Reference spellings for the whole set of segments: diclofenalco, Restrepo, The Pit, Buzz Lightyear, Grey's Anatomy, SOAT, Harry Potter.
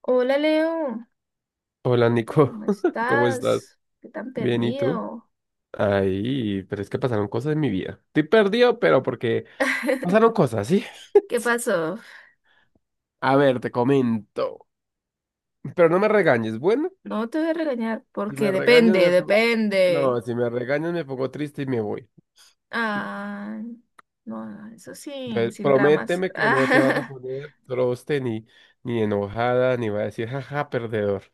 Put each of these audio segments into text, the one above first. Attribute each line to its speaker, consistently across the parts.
Speaker 1: Hola Leo,
Speaker 2: Hola Nico,
Speaker 1: ¿cómo
Speaker 2: ¿cómo estás?
Speaker 1: estás? ¿Qué tan
Speaker 2: Bien, ¿y tú?
Speaker 1: perdido?
Speaker 2: Ay, pero es que pasaron cosas en mi vida. Estoy perdido, pero porque pasaron cosas, ¿sí?
Speaker 1: ¿Qué pasó?
Speaker 2: A ver, te comento. Pero no me regañes, ¿bueno?
Speaker 1: No te voy a regañar
Speaker 2: Si
Speaker 1: porque
Speaker 2: me regañas,
Speaker 1: depende,
Speaker 2: me pongo...
Speaker 1: depende.
Speaker 2: No, si me regañas, me pongo triste y me voy.
Speaker 1: Ah, no, no, eso sin,
Speaker 2: Entonces,
Speaker 1: sin dramas.
Speaker 2: prométeme que no te vas a
Speaker 1: Ah,
Speaker 2: poner troste ni enojada, ni va a decir, jaja, perdedor.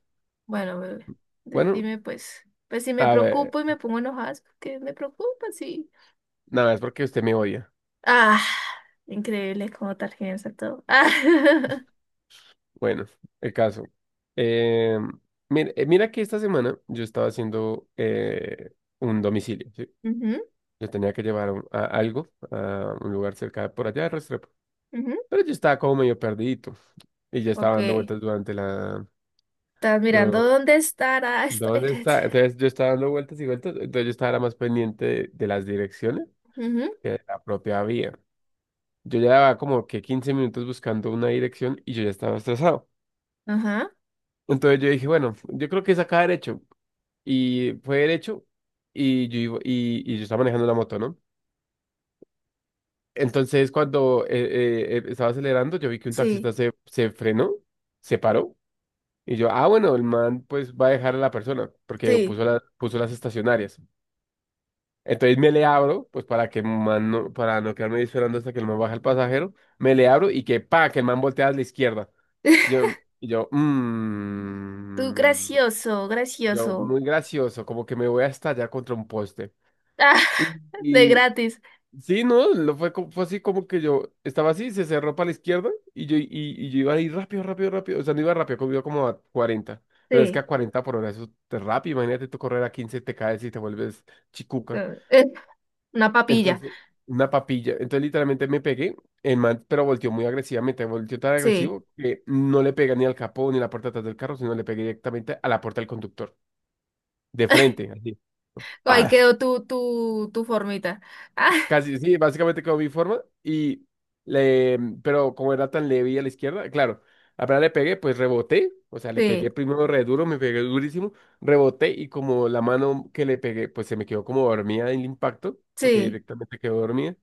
Speaker 1: bueno, bebé,
Speaker 2: Bueno,
Speaker 1: dime pues, pues si me
Speaker 2: a ver,
Speaker 1: preocupo y me pongo enojada, es porque me preocupa, sí.
Speaker 2: nada, es porque usted me odia.
Speaker 1: Ah, increíble cómo tarjetas todo. Ah,
Speaker 2: Bueno, el caso. Eh, Mira, mira que esta semana yo estaba haciendo un domicilio, ¿sí?
Speaker 1: ujú,
Speaker 2: Yo tenía que llevar algo a un lugar cerca de por allá de Restrepo.
Speaker 1: ujú.
Speaker 2: Pero yo estaba como medio perdidito y ya estaba
Speaker 1: Ok,
Speaker 2: dando
Speaker 1: estás
Speaker 2: vueltas durante la...
Speaker 1: mirando
Speaker 2: do-
Speaker 1: dónde estará.
Speaker 2: ¿Dónde está? Entonces yo estaba dando vueltas y vueltas, entonces yo estaba era más pendiente de las direcciones
Speaker 1: Ujú.
Speaker 2: que de la propia vía. Yo llevaba como que 15 minutos buscando una dirección y yo ya estaba estresado.
Speaker 1: Ajá,
Speaker 2: Entonces yo dije, bueno, yo creo que es acá derecho. Y fue derecho y yo estaba manejando la moto, ¿no? Entonces cuando estaba acelerando, yo vi que un
Speaker 1: sí,
Speaker 2: taxista se frenó, se paró. Y yo, ah, bueno, el man pues va a dejar a la persona porque
Speaker 1: sí.
Speaker 2: puso las estacionarias. Entonces me le abro, pues para que el man no, para no quedarme ahí esperando hasta que el man baja el pasajero, me le abro y que pa, que el man voltea a la izquierda. Y yo, y yo,
Speaker 1: Tú
Speaker 2: mm,
Speaker 1: gracioso,
Speaker 2: yo,
Speaker 1: gracioso.
Speaker 2: muy gracioso, como que me voy a estallar contra un poste.
Speaker 1: Ah, de
Speaker 2: Y,
Speaker 1: gratis.
Speaker 2: Sí, no, lo fue, fue así como que yo estaba así, se cerró para la izquierda y yo iba ahí rápido, rápido, rápido. O sea, no iba rápido, como iba como a 40. Pero es que a
Speaker 1: Sí.
Speaker 2: 40 por hora eso es rápido. Imagínate tú correr a 15 te caes y te vuelves chicuca.
Speaker 1: Eh, una papilla.
Speaker 2: Entonces, una papilla. Entonces, literalmente me pegué. El man, pero volteó muy agresivamente. Volteó tan
Speaker 1: Sí.
Speaker 2: agresivo que no le pegué ni al capó ni a la puerta de atrás del carro, sino le pegué directamente a la puerta del conductor. De frente, así.
Speaker 1: Ahí
Speaker 2: ¡Pah!
Speaker 1: quedó tu, tu formita. Ah,
Speaker 2: Casi, sí, básicamente como mi forma. Le, pero como era tan leve y a la izquierda, claro, apenas le pegué, pues reboté. O sea, le
Speaker 1: sí,
Speaker 2: pegué primero re duro, me pegué durísimo, reboté y como la mano que le pegué, pues se me quedó como dormida en el impacto, porque
Speaker 1: sí.
Speaker 2: directamente quedó dormida.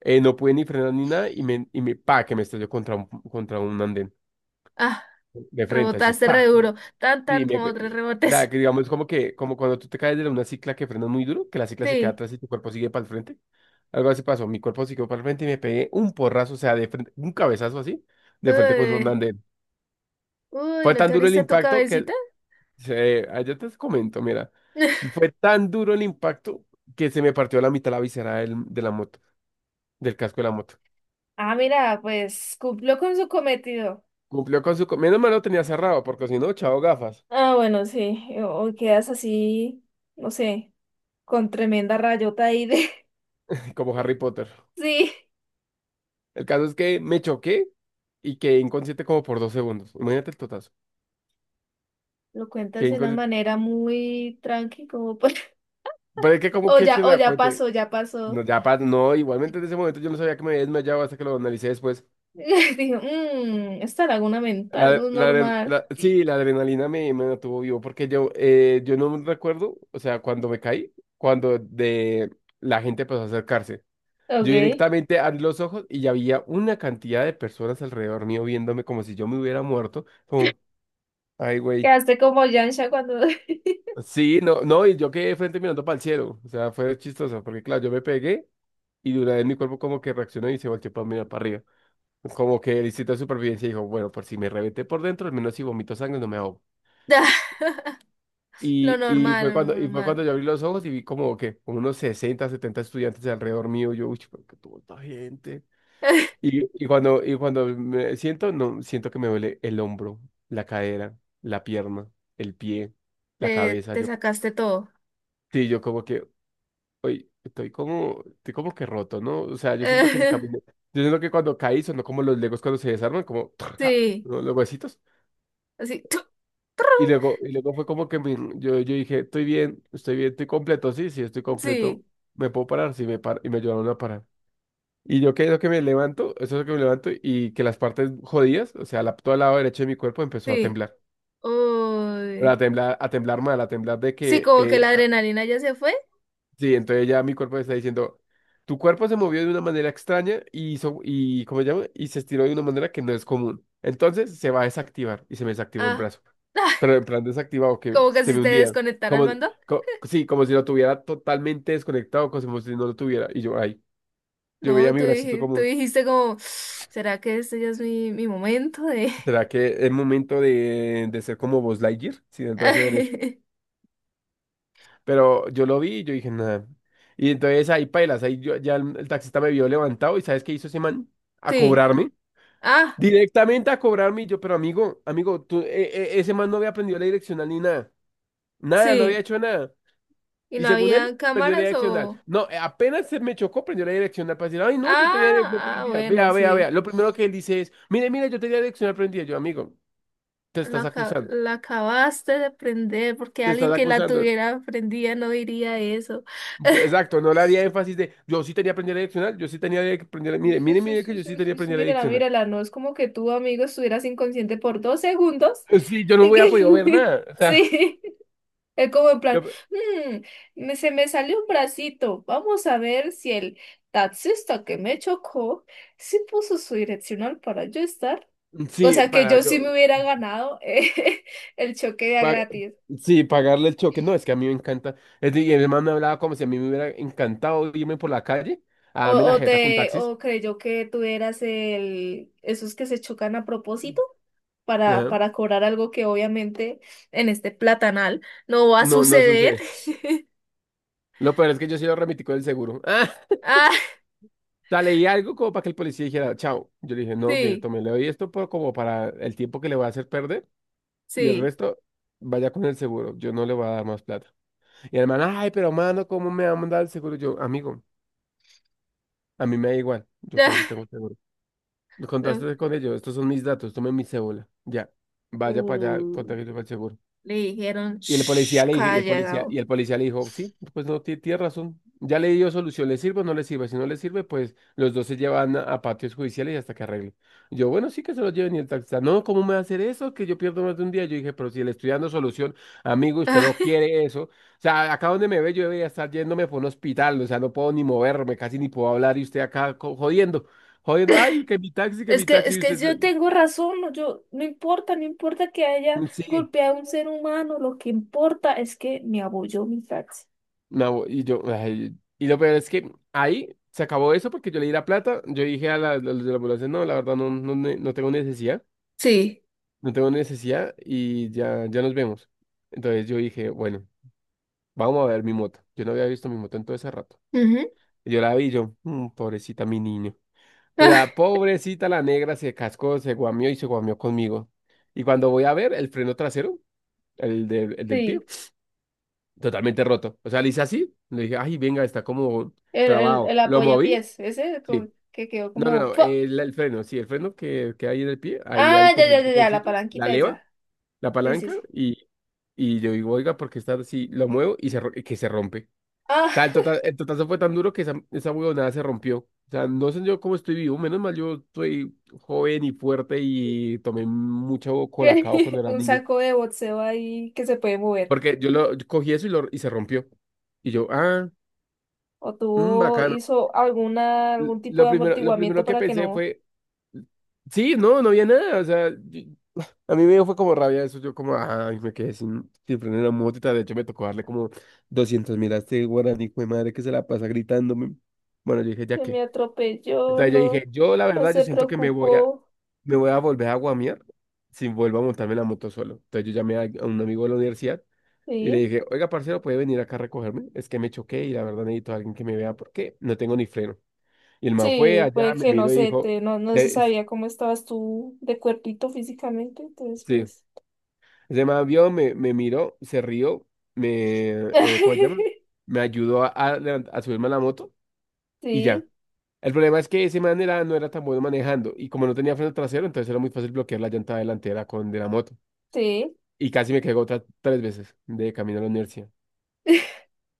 Speaker 2: No pude ni frenar ni nada y que me estalló contra un andén
Speaker 1: Ah,
Speaker 2: de frente, así,
Speaker 1: rebotaste re
Speaker 2: pa.
Speaker 1: duro. Tan,
Speaker 2: Sí,
Speaker 1: tan como tres
Speaker 2: o sea,
Speaker 1: rebotes.
Speaker 2: que digamos como que, como cuando tú te caes de una cicla que frena muy duro, que la cicla se queda
Speaker 1: Sí.
Speaker 2: atrás y tu cuerpo sigue para el frente. Algo así pasó, mi cuerpo siguió para el frente y me pegué un porrazo, o sea, de frente, un cabezazo así, de frente con un
Speaker 1: Uy,
Speaker 2: andén.
Speaker 1: uy,
Speaker 2: Fue
Speaker 1: ¿no
Speaker 2: tan
Speaker 1: te
Speaker 2: duro el
Speaker 1: abriste tu
Speaker 2: impacto que,
Speaker 1: cabecita?
Speaker 2: yo te comento, mira, fue tan duro el impacto que se me partió la mitad la visera de la moto, del casco de la moto.
Speaker 1: Ah, mira, pues cumplió con su cometido.
Speaker 2: Cumplió con su... Menos mal lo tenía cerrado, porque si no, chao gafas,
Speaker 1: Ah, bueno, sí. O quedas así, no sé, con tremenda rayota ahí de.
Speaker 2: como Harry Potter.
Speaker 1: Sí.
Speaker 2: El caso es que me choqué y quedé inconsciente como por 2 segundos. Imagínate el totazo.
Speaker 1: Lo cuentas
Speaker 2: Quedé
Speaker 1: de una
Speaker 2: inconsciente.
Speaker 1: manera muy tranqui, como pues.
Speaker 2: Pero es que, ¿cómo
Speaker 1: O
Speaker 2: que es que
Speaker 1: ya,
Speaker 2: se da cuenta?
Speaker 1: ya pasó.
Speaker 2: No, no, igualmente en ese momento yo no sabía que me había desmayado hasta que lo analicé después.
Speaker 1: Dijo, esta laguna mental no es normal.
Speaker 2: Sí, la adrenalina me mantuvo vivo porque yo no recuerdo, o sea, cuando me caí, cuando de la gente empezó a acercarse. Yo
Speaker 1: Ok.
Speaker 2: directamente abrí los ojos y ya había una cantidad de personas alrededor mío viéndome como si yo me hubiera muerto. Como, ay, güey.
Speaker 1: Quedaste como Yansha cuando.
Speaker 2: Sí, no, no, y yo quedé frente mirando para el cielo. O sea, fue chistoso, porque claro, yo me pegué y de una vez mi cuerpo como que reaccionó y se volteó para mirar para arriba. Como que el instinto de supervivencia dijo, bueno, por si me reventé por dentro, al menos si vomito sangre no me ahogo.
Speaker 1: Ah, lo
Speaker 2: Y, y
Speaker 1: normal,
Speaker 2: fue
Speaker 1: lo
Speaker 2: cuando, y fue cuando
Speaker 1: normal.
Speaker 2: yo abrí los ojos y vi como que unos 60 70 estudiantes alrededor mío. Yo, uy, pero qué tuvo esta gente. Y cuando me siento, no, siento que me duele el hombro, la cadera, la pierna, el pie, la
Speaker 1: Te,
Speaker 2: cabeza.
Speaker 1: te
Speaker 2: Yo,
Speaker 1: sacaste todo.
Speaker 2: sí, yo como que, hoy estoy como, que roto, ¿no? O sea, yo siento que si caminé, yo siento que cuando caí sonó como los legos cuando se desarman, como
Speaker 1: Sí,
Speaker 2: ¿no? los huesitos.
Speaker 1: así.
Speaker 2: Y luego fue como que yo dije, estoy bien, estoy bien, estoy completo, sí, sí, estoy completo,
Speaker 1: Sí,
Speaker 2: me puedo parar, sí, me paro, y me ayudaron a parar. Y yo que lo que me levanto, eso es lo que me levanto, y que las partes jodidas, o sea, la, todo el lado derecho de mi cuerpo empezó a
Speaker 1: sí.
Speaker 2: temblar. Pero
Speaker 1: Uy.
Speaker 2: a temblar mal, a temblar de
Speaker 1: Sí,
Speaker 2: que
Speaker 1: como que la adrenalina ya se fue.
Speaker 2: sí, entonces ya mi cuerpo me está diciendo, tu cuerpo se movió de una manera extraña y hizo, y, ¿cómo se llama? Y se estiró de una manera que no es común. Entonces se va a desactivar y se me desactivó el
Speaker 1: Ah,
Speaker 2: brazo.
Speaker 1: ah,
Speaker 2: Pero en plan desactivado, que
Speaker 1: como que
Speaker 2: se
Speaker 1: si
Speaker 2: me
Speaker 1: te
Speaker 2: hundía.
Speaker 1: desconectara el
Speaker 2: Como,
Speaker 1: mando.
Speaker 2: sí, como si lo tuviera totalmente desconectado, como si no lo tuviera. Y yo, ay, yo veía
Speaker 1: No,
Speaker 2: mi bracito
Speaker 1: tú
Speaker 2: como,
Speaker 1: dijiste como, ¿será que este ya es mi, momento de?
Speaker 2: ¿será que es momento de ser como Buzz Lightyear? Sin el brazo derecho. Pero yo lo vi y yo dije, nada. Y entonces ahí pailas, ahí ya el taxista me vio levantado y ¿sabes qué hizo ese man? A
Speaker 1: Sí,
Speaker 2: cobrarme.
Speaker 1: ah,
Speaker 2: Directamente a cobrarme. Y yo, pero amigo, amigo, tú, ese man no había aprendido la direccional ni nada. Nada, no había
Speaker 1: sí.
Speaker 2: hecho nada.
Speaker 1: ¿Y
Speaker 2: Y
Speaker 1: no
Speaker 2: según él,
Speaker 1: había
Speaker 2: aprendió la
Speaker 1: cámaras
Speaker 2: direccional.
Speaker 1: o?
Speaker 2: No, apenas se me chocó, aprendió la direccional para decir, ay, no, yo tenía direccional
Speaker 1: Ah, ah,
Speaker 2: prendida.
Speaker 1: bueno,
Speaker 2: Vea, vea, vea.
Speaker 1: sí.
Speaker 2: Lo primero que él dice es, mire, mire, yo tenía direccional prendida. Yo, amigo, te estás acusando.
Speaker 1: La acabaste de prender porque
Speaker 2: Te
Speaker 1: alguien
Speaker 2: estás
Speaker 1: que la
Speaker 2: acusando.
Speaker 1: tuviera prendida no diría eso.
Speaker 2: Exacto, no le haría énfasis de yo sí tenía que aprender a direccionar, yo sí tenía que aprender,
Speaker 1: Sí,
Speaker 2: mire,
Speaker 1: sí,
Speaker 2: mire,
Speaker 1: sí,
Speaker 2: mire que
Speaker 1: sí,
Speaker 2: yo
Speaker 1: sí,
Speaker 2: sí tenía que
Speaker 1: sí, sí,
Speaker 2: aprender a
Speaker 1: mírala,
Speaker 2: direccionar.
Speaker 1: mírala, no es como que tu amigo estuvieras inconsciente por dos segundos.
Speaker 2: Sí, yo no hubiera podido ver nada. O sea,
Speaker 1: Sí. Es como en plan,
Speaker 2: lo-
Speaker 1: "Mm, se me salió un bracito. Vamos a ver si el taxista que me chocó sí puso su direccional para yo estar. O
Speaker 2: sí,
Speaker 1: sea que
Speaker 2: para
Speaker 1: yo sí
Speaker 2: yo,
Speaker 1: me hubiera ganado el choque de a
Speaker 2: pa-
Speaker 1: gratis.
Speaker 2: sí, pagarle el choque. No, es que a mí me encanta. Y el man me hablaba como si a mí me hubiera encantado irme por la calle a
Speaker 1: O,
Speaker 2: darme la
Speaker 1: o
Speaker 2: jeta con
Speaker 1: te,
Speaker 2: taxis.
Speaker 1: o creyó que tú eras esos que se chocan a propósito
Speaker 2: Ajá.
Speaker 1: para cobrar algo que obviamente en este platanal no va a
Speaker 2: No, no
Speaker 1: suceder.
Speaker 2: sucede. Lo peor es que yo sí lo remití con el seguro.
Speaker 1: Ah,
Speaker 2: Ah, o sea, leí algo como para que el policía dijera, chao. Yo le dije, no, mire,
Speaker 1: sí,
Speaker 2: tome, le doy esto por, como para el tiempo que le voy a hacer perder. Y el
Speaker 1: sí.
Speaker 2: resto, vaya con el seguro. Yo no le voy a dar más plata. Y el man, ay, pero mano, ¿cómo me va a mandar el seguro? Yo, amigo, a mí me da igual. Yo
Speaker 1: Ya.
Speaker 2: para eso tengo seguro.
Speaker 1: No.
Speaker 2: Contaste con ellos, estos son mis datos, tomen mi cédula. Ya, vaya para allá,
Speaker 1: Uy.
Speaker 2: contáctese con el seguro.
Speaker 1: Le dijeron,
Speaker 2: Y el
Speaker 1: shh,
Speaker 2: policía le dije,
Speaker 1: calla,
Speaker 2: y
Speaker 1: Gabo.
Speaker 2: el policía le dijo, sí, pues no, tiene razón. Ya le dio solución, ¿le sirve o no le sirve? Si no le sirve, pues los dos se llevan a patios judiciales hasta que arregle. Yo, bueno, sí que se los lleven y el taxista, no, ¿cómo me va a hacer eso? Que yo pierdo más de un día. Yo dije, pero si le estoy dando solución, amigo, usted no quiere eso. O sea, acá donde me ve, yo debería estar yéndome por un hospital, o sea, no puedo ni moverme, casi ni puedo hablar, y usted acá jodiendo, jodiendo, ay, que mi taxi,
Speaker 1: Es
Speaker 2: y
Speaker 1: que
Speaker 2: usted,
Speaker 1: yo tengo razón, no, yo, no importa, no importa que haya
Speaker 2: sí.
Speaker 1: golpeado a un ser humano, lo que importa es que me apoyó mi taxi.
Speaker 2: No, y yo, ay, y lo peor es que ahí se acabó eso porque yo le di la plata, yo dije a los de la ambulancia, no, la verdad no tengo necesidad,
Speaker 1: Sí.
Speaker 2: no tengo necesidad y ya, ya nos vemos. Entonces yo dije, bueno, vamos a ver mi moto. Yo no había visto mi moto en todo ese rato.
Speaker 1: Ujú.
Speaker 2: Y yo la vi, y yo, Pobrecita mi niño. O
Speaker 1: Ah,
Speaker 2: sea, pobrecita la negra se cascó, se guamió y se guamió conmigo. Y cuando voy a ver el freno trasero, el del pie,
Speaker 1: sí,
Speaker 2: totalmente roto. O sea, le hice así, le dije, ay, venga, está como
Speaker 1: el, el
Speaker 2: trabado. Lo moví.
Speaker 1: apoyapiés, ese
Speaker 2: Sí.
Speaker 1: que quedó
Speaker 2: No, no,
Speaker 1: como
Speaker 2: no,
Speaker 1: ¡fua!
Speaker 2: el freno, sí, el freno que hay en el pie, ahí hay
Speaker 1: Ah, ya,
Speaker 2: como un
Speaker 1: ya, ya, ya, la
Speaker 2: botoncito, la
Speaker 1: palanquita
Speaker 2: leva,
Speaker 1: esa.
Speaker 2: la
Speaker 1: Sí, sí,
Speaker 2: palanca,
Speaker 1: sí.
Speaker 2: y, yo digo, oiga, porque está así, lo muevo y y que se rompe. O
Speaker 1: Ah,
Speaker 2: sea, el totazo fue tan duro que esa huevonada se rompió. O sea, no sé yo cómo estoy vivo, menos mal yo soy joven y fuerte y tomé mucho colacao cuando
Speaker 1: que
Speaker 2: era
Speaker 1: un
Speaker 2: niño.
Speaker 1: saco de boxeo ahí que se puede mover.
Speaker 2: Porque yo cogí eso y se rompió. Y yo,
Speaker 1: O tuvo,
Speaker 2: bacano.
Speaker 1: hizo
Speaker 2: L-
Speaker 1: algún tipo
Speaker 2: Lo
Speaker 1: de
Speaker 2: primero, lo
Speaker 1: amortiguamiento
Speaker 2: primero que
Speaker 1: para que
Speaker 2: pensé
Speaker 1: no
Speaker 2: fue, sí, no, no había nada. O sea, a mí me dio fue como rabia eso, yo como, ay, me quedé sin freno en la motita, de hecho me tocó darle como 200 mil a este guaraní, hijo de madre, que se la pasa gritándome. Bueno, yo dije, ¿ya
Speaker 1: que
Speaker 2: qué?
Speaker 1: me atropelló,
Speaker 2: Entonces yo
Speaker 1: no,
Speaker 2: dije, yo la
Speaker 1: no
Speaker 2: verdad, yo
Speaker 1: se
Speaker 2: siento que me voy a,
Speaker 1: preocupó,
Speaker 2: me voy a volver a guamear si vuelvo a montarme la moto solo. Entonces yo llamé a un amigo de la universidad y le
Speaker 1: ¿sí?
Speaker 2: dije, oiga, parcero, ¿puede venir acá a recogerme? Es que me choqué y la verdad necesito a alguien que me vea porque no tengo ni freno. Y el man fue
Speaker 1: Sí,
Speaker 2: allá,
Speaker 1: pues
Speaker 2: me
Speaker 1: que no
Speaker 2: miró y
Speaker 1: sé,
Speaker 2: dijo,
Speaker 1: no, se
Speaker 2: "Eh,
Speaker 1: sabía cómo estabas tú de cuerpito físicamente, entonces
Speaker 2: sí,
Speaker 1: pues.
Speaker 2: Ese man vio, me miró, se rió, me, ¿cómo se llama? Me ayudó a subirme a la moto y ya.
Speaker 1: Sí,
Speaker 2: El problema es que ese man no era tan bueno manejando y como no tenía freno trasero, entonces era muy fácil bloquear la llanta delantera con de la moto.
Speaker 1: sí,
Speaker 2: Y casi me caigo otras 3 veces de camino a la universidad.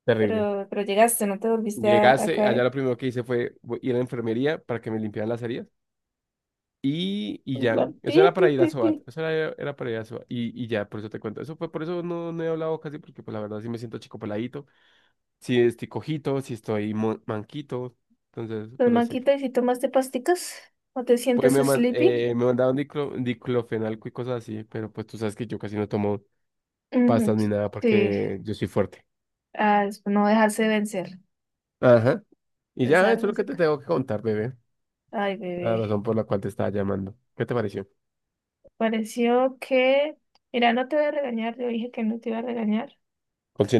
Speaker 2: Terrible.
Speaker 1: pero llegaste, no te volviste a
Speaker 2: Llegase, allá
Speaker 1: caer.
Speaker 2: lo primero que hice fue ir a la enfermería para que me limpiaran las heridas y
Speaker 1: En
Speaker 2: ya.
Speaker 1: plan, pi,
Speaker 2: Eso era
Speaker 1: pi,
Speaker 2: para ir
Speaker 1: pi,
Speaker 2: a
Speaker 1: pi.
Speaker 2: SOAT, era para ir a SOAT y ya, por eso te cuento. Eso fue, por eso no he hablado casi porque pues la verdad sí me siento chico peladito. Si estoy cojito, si estoy manquito. Entonces,
Speaker 1: Pues
Speaker 2: bueno no sé. Que.
Speaker 1: Maquita, ¿y si tomaste pasticas? ¿No te
Speaker 2: Pues
Speaker 1: sientes sleepy?
Speaker 2: me mandaron diclofenalco y cosas así, pero pues tú sabes que yo casi no tomo
Speaker 1: Ujú,
Speaker 2: pastas ni nada
Speaker 1: sí,
Speaker 2: porque yo soy fuerte.
Speaker 1: ah, es no dejarse vencer.
Speaker 2: Ajá. Y
Speaker 1: Es
Speaker 2: ya,
Speaker 1: algo
Speaker 2: eso es lo que te
Speaker 1: Desárgase.
Speaker 2: tengo que contar, bebé.
Speaker 1: Ay,
Speaker 2: La
Speaker 1: bebé.
Speaker 2: razón por la cual te estaba llamando. ¿Qué te pareció?
Speaker 1: Pareció que, mira, no te voy a regañar, yo dije que no te iba a regañar,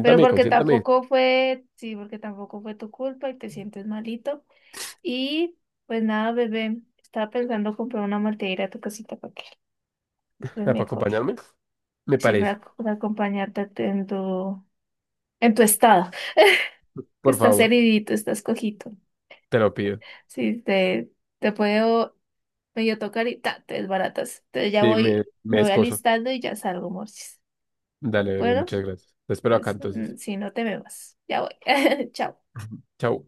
Speaker 1: pero porque
Speaker 2: consiéntame.
Speaker 1: tampoco fue, sí, porque tampoco fue tu culpa y te sientes malito. Y pues nada, bebé, estaba pensando comprar una malteira a tu casita para que estés
Speaker 2: Ah, ¿para
Speaker 1: mejor.
Speaker 2: acompañarme? Me
Speaker 1: Sí, para,
Speaker 2: parece.
Speaker 1: para acompañarte en tu estado, que
Speaker 2: Por
Speaker 1: estás
Speaker 2: favor,
Speaker 1: heridito, estás cojito.
Speaker 2: te lo pido.
Speaker 1: Sí, te puedo medio tocar y te desbaratas. Entonces ya
Speaker 2: Sí, me,
Speaker 1: voy,
Speaker 2: me
Speaker 1: me voy
Speaker 2: escozo.
Speaker 1: alistando y ya salgo, Morsis.
Speaker 2: Dale, bebé,
Speaker 1: Bueno.
Speaker 2: muchas gracias. Te espero acá
Speaker 1: Entonces,
Speaker 2: entonces.
Speaker 1: si no te me vas, ya voy. Chao.
Speaker 2: Chao.